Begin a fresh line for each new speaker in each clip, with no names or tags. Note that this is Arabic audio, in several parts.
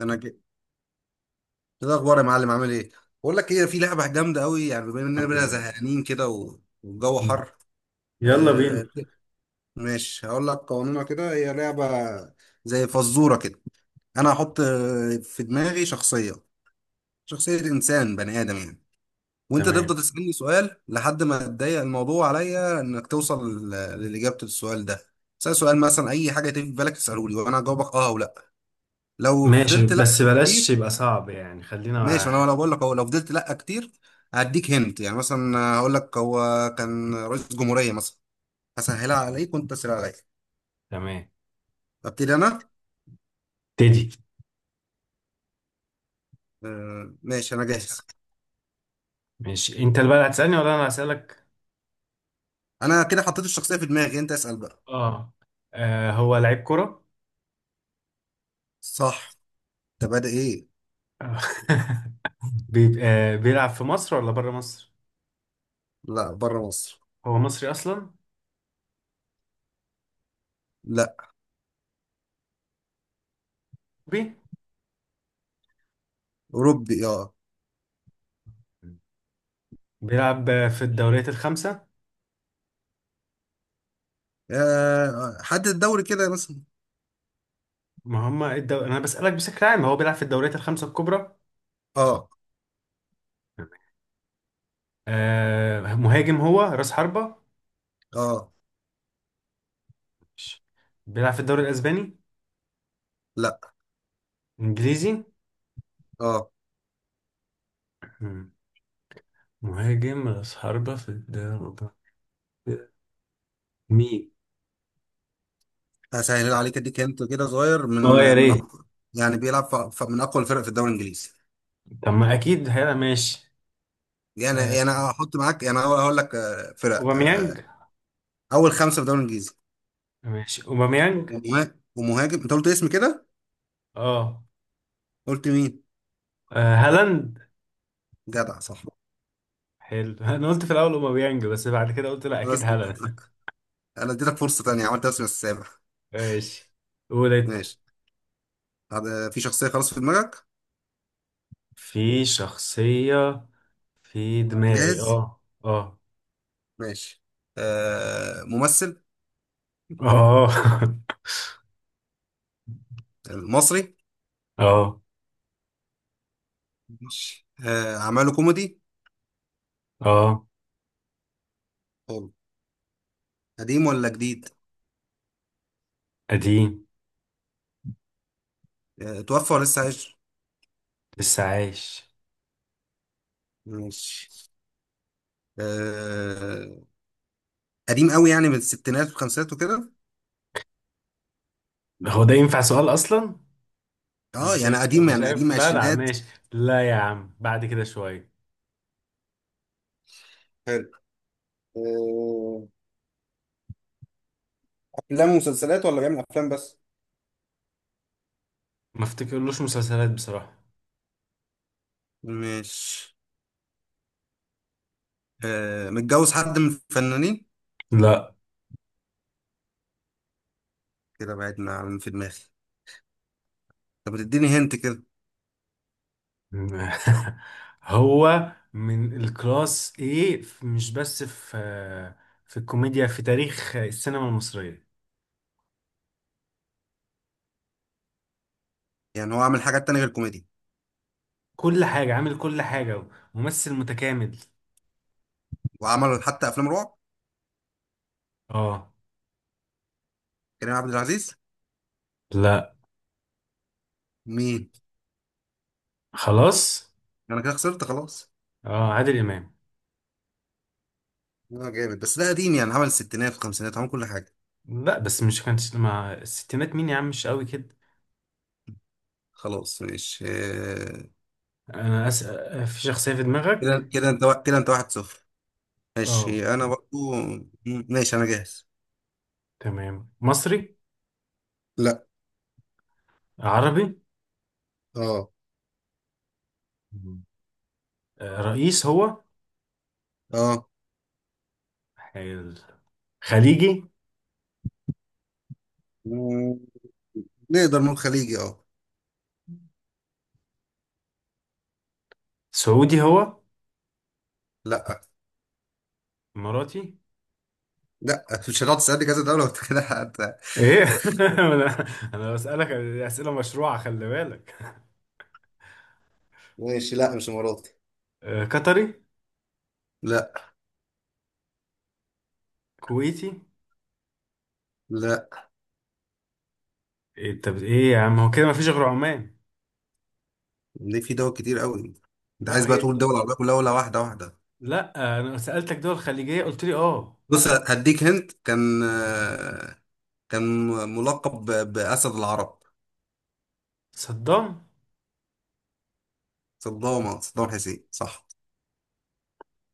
انا كده. إيه الاخبار يا معلم؟ عامل ايه؟ بقول لك ايه، في لعبه جامده قوي يعني. بما اننا
الحمد
بقى
لله.
زهقانين كده والجو
مم.
حر.
يلا بينا.
آه، ماشي هقول لك قوانينها كده. هي لعبه زي فزوره كده. انا هحط في دماغي شخصيه، شخصيه انسان بني ادم يعني. وانت
تمام.
تفضل تسالني سؤال لحد ما تضيق الموضوع عليا انك توصل للاجابه السؤال ده. سأل سؤال مثلا اي حاجه تيجي في بالك تساله لي، وانا هجاوبك اه او لا. لو
ماشي،
فضلت لا
بس
كتير.
بلاش يبقى صعب يعني، خلينا
ماشي،
واحد.
انا لو بقول لك هو لو فضلت لا كتير هديك هنت يعني. مثلا هقول لك هو كان رئيس جمهورية مثلا، هسهلها
تمام،
عليك وانت تسهل عليا.
تمام.
ابتدي انا.
تدي؟
آه، ماشي انا جاهز.
ماشي، انت اللي بقى هتسألني ولا انا هسألك؟
انا كده حطيت الشخصية في دماغي، انت اسأل بقى.
اه. آه، هو لعيب كرة.
صح. انت بادئ ايه؟
آه. بي... آه بيلعب في مصر ولا بره مصر؟
لا، بره مصر.
هو مصري اصلا؟
لا.
بي
اوروبي، اه.
بيلعب في الدوريات الخمسة.
آه، حدد الدوري كده مثلا.
ما هم الدو... انا بسألك بشكل عام، هو بيلعب في الدوريات الخمسة الكبرى؟
اه.
آه، مهاجم هو راس حربة؟
اه.
ماشي. بيلعب في الدوري الاسباني؟
لا.
انجليزي؟
اه.
مم. مهاجم راس حربة في الدوري؟ مين؟
هسهل عليك اديك هنت كده صغير.
اه يا
من
ريت.
اقوى. يعني بيلعب من اقوى الفرق في الدوري الانجليزي.
طب ما اكيد هيبقى ماشي.
يعني
آه،
هحط معاك يعني هقول لك آه، فرق آه،
اوباميانج؟
اول خمسه في الدوري الانجليزي.
ماشي اوباميانج.
ومهاجم. انت قلت اسم كده.
اه.
قلت مين؟
هالاند؟
جدع، صح.
حلو. انا قلت في الاول اوباميانج، بس بعد كده قلت لا، اكيد
بس
هالاند.
انا اديتك فرصه تانية، عملت اسم السابع.
ماشي، قول انت.
ماشي. هذا في شخصيه خلاص في دماغك.
في شخصية في دماغي،
جاهز.
اه اه.
ماشي. آه، ممثل
اه.
مصري.
اه
ماشي. آه، اعماله كوميدي.
اه.
حلو. قديم ولا جديد؟
قديم.
آه، توفى ولا لسه عايش؟
لسه عايش.
ماشي. آه، قديم قوي يعني من الستينات والخمسينات وكده.
هو ده ينفع سؤال اصلا؟
اه
مش
يعني
عارف،
قديم
مش
يعني
عارف.
قديم
لا لا،
عشرينات.
ماشي. لا يا عم، بعد كده شوية.
حلو. آه، افلام ومسلسلات ولا بيعمل افلام بس؟
ما افتكرلوش مسلسلات بصراحة.
مش. آه، متجوز حد من الفنانين؟
لا.
كده بعدنا عن في دماغي. طب ما تديني هنت كده.
هو من الكلاس ايه، مش بس في الكوميديا، في تاريخ السينما المصرية.
يعني هو عمل حاجات تانية غير الكوميدي.
كل حاجة، عامل كل حاجة. ممثل متكامل.
وعمل حتى افلام رعب.
اه.
كريم عبد العزيز؟
لا.
مين؟
خلاص.
انا كده خسرت خلاص.
اه، عادل إمام.
اه جامد، بس ده قديم يعني عمل الستينات الخمسينات، عمل كل حاجة.
لا بس مش كانت مع الستينات، مين يا عم، مش قوي كده.
خلاص ماشي. آه.
انا اسأل؟ في شخصية في دماغك؟
كده انت 1-0.
اه.
ماشي انا برضو ماشي انا جاهز.
تمام. مصري؟
لا.
عربي؟
اه.
مم. آه، رئيس هو؟
اه.
حلو. خليجي؟
مم، نقدر نقول خليجي، اه.
سعودي هو؟
لا.
اماراتي؟
لا، مش هتقعد تسألني كذا دولة وانت كده حتى.
ايه؟ انا، انا بسألك اسئله مشروعه، خلي بالك.
ماشي، لا مش اماراتي.
قطري؟
لا.
كويتي؟
لا.
إيه، طب ايه يا عم، هو كده مفيش غير عمان.
ليه، في دول كتير قوي. انت
لا،
عايز بقى
هي.
تقول دول العربية كلها ولا واحدة واحدة؟
لا، انا سألتك دول خليجيه قلت لي اه.
بص، هديك هنت. كان كان ملقب بأسد العرب.
صدام.
صدام، صدام حسين، صح.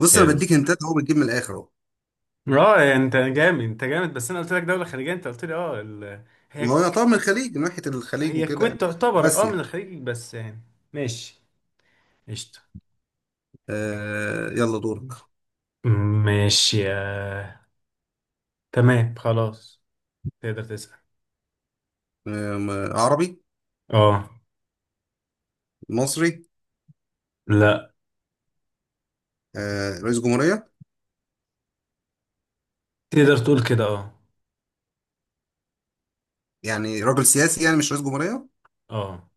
بص انا
حلو.
بديك هنتات اهو، بتجيب من الاخر اهو.
اه يعني انت جامد، انت جامد، بس انا قلت لك دوله خليجيه، انت قلت لي اه. ال... هي
ما هو يعتبر من
ك-
الخليج من ناحية الخليج
هي
وكده يعني.
الكويت تعتبر اه من
آسيا.
الخليج، بس يعني. ماشي. قشطه.
آه، يلا دورك.
ماشي. آه. تمام خلاص. تقدر تسأل.
آه، عربي.
اه.
مصري.
لا.
آه، رئيس جمهورية.
تقدر تقول كده، اه.
يعني راجل سياسي يعني مش رئيس جمهورية.
اه،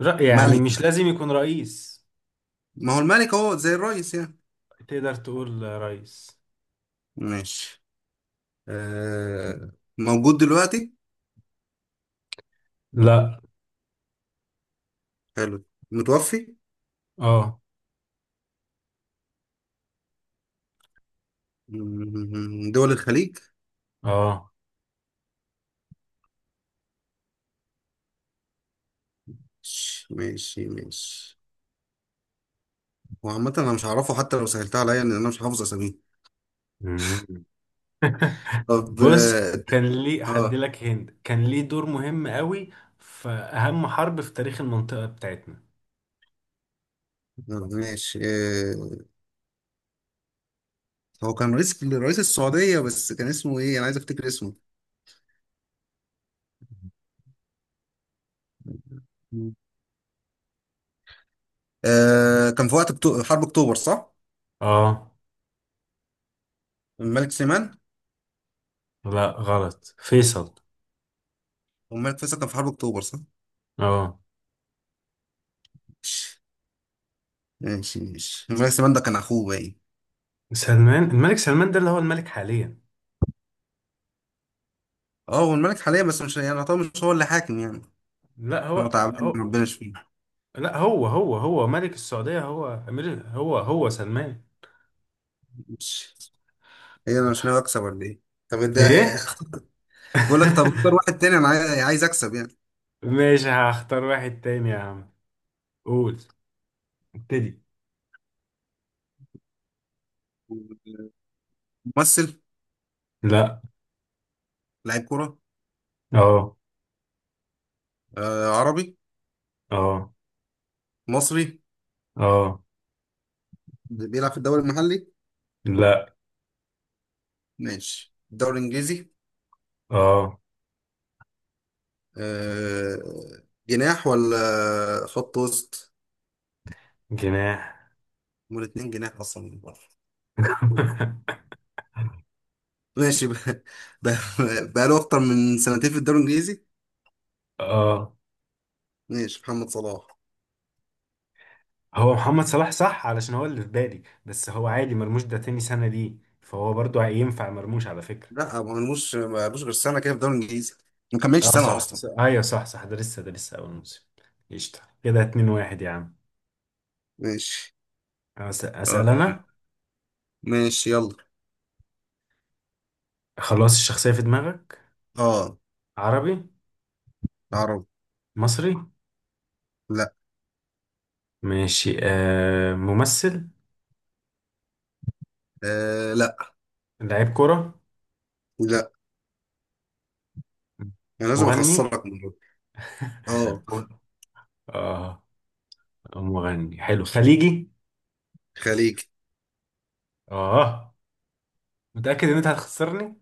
رأي يعني
ملك
مش
يعني.
لازم يكون رئيس.
ما هو الملك هو زي الرئيس يعني.
تقدر تقول رئيس.
ماشي. آه. موجود دلوقتي؟
لا.
حلو. متوفي.
اه.
دول الخليج.
اه.
ماشي ماشي. هو عامة أنا مش هعرفه حتى لو سهلتها عليا، لأن أنا مش حافظ أساميه.
مم.
طب.
بص، كان ليه
آه.
هديلك هند. كان ليه دور مهم قوي في أهم حرب في تاريخ المنطقة بتاعتنا.
آه، ماشي آه. هو كان رئيس السعودية بس كان اسمه إيه، أنا عايز أفتكر اسمه. مم. آه، كان في وقت حرب أكتوبر، صح؟
اه.
الملك سليمان.
لا، غلط، فيصل.
والملك فيصل كان في حرب أكتوبر، صح؟
اه.
ماشي ماشي، الملك سليمان ده كان أخوه باين.
سلمان، الملك سلمان ده اللي هو الملك حاليا.
اه هو الملك حاليا بس مش يعني، طبعا مش هو اللي حاكم يعني.
لا، هو.
هو تعبان
هو.
ربنا يشفيه.
لا، هو هو هو ملك السعودية، هو أمير، هو هو سلمان.
مش. هي انا مش ناوي اكسب ولا ايه؟ طب ده.
ايه؟
بقول لك طب اختار واحد تاني، انا عايز اكسب يعني.
ماشي، هختار واحد تاني يا عم. قول. ابتدي.
ممثل.
لا.
لاعب كرة.
اه.
آه، عربي.
اه.
مصري.
اه.
بيلعب في الدوري المحلي.
لا.
ماشي، الدوري الانجليزي.
اه.
آه. جناح ولا خط وسط؟
جناح.
هما الاتنين جناح اصلا من بره. ماشي بقى. بقى له اكتر من سنتين في الدوري الانجليزي.
اه،
ماشي، محمد صلاح.
هو محمد صلاح، صح؟ علشان هو اللي في بالي، بس هو عادي مرموش ده تاني سنة ليه، فهو برضو ينفع مرموش على فكرة.
لا، ما بنلوش ما بقالوش غير سنه كده في الدوري الانجليزي، ما كملش
اه
سنه
صح
اصلا.
صح. ايوه صح صح، ده لسه اول موسم. قشطة كده، 2-1 يا عم.
ماشي. آه،
اسأل انا.
ماشي يلا.
خلاص، الشخصية في دماغك؟
اه.
عربي؟
عرب.
مصري؟
لا.
ماشي. آه، ممثل؟
آه. لا.
لاعب كرة؟
لا. انا لازم
مغني؟
اخسرك من دول. اه.
م- اه. مغني، حلو. خليجي؟
خليج.
اه. متأكد ان انت هتخسرني.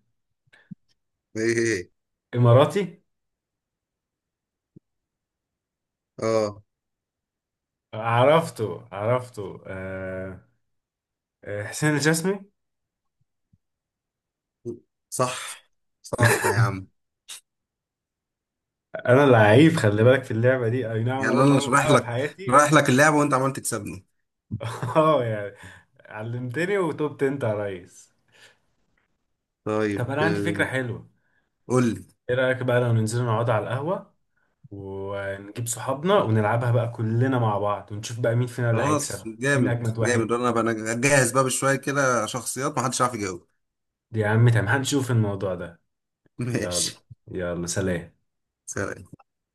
ايه، إيه. إيه.
اماراتي؟
اه.
عرفته، عرفته. آه. آه، حسين الجسمي.
صح صح يا عم.
انا لعيب خلي بالك في اللعبة دي، اي نعم انا
يعني انا
اول
اللي
مرة
شرح
العبها في
لك،
حياتي.
اللعبه وانت عمال تكسبني.
اه يعني، علمتني وتوبت انت يا ريس. طب
طيب.
انا عندي
آه،
فكرة حلوة.
قول لي.
ايه رأيك بقى لو ننزل نقعد على القهوة، ونجيب صحابنا ونلعبها بقى كلنا مع بعض، ونشوف بقى مين فينا اللي هيكسب،
خلاص
مين
جامد
أجمد
جامد،
واحد.
انا بقى جاهز بقى بشويه كده شخصيات ما حدش عارف يجاوب.
يا عم تمام، هنشوف الموضوع ده. يلا.
ماشي.
يلا، سلام.
سلام.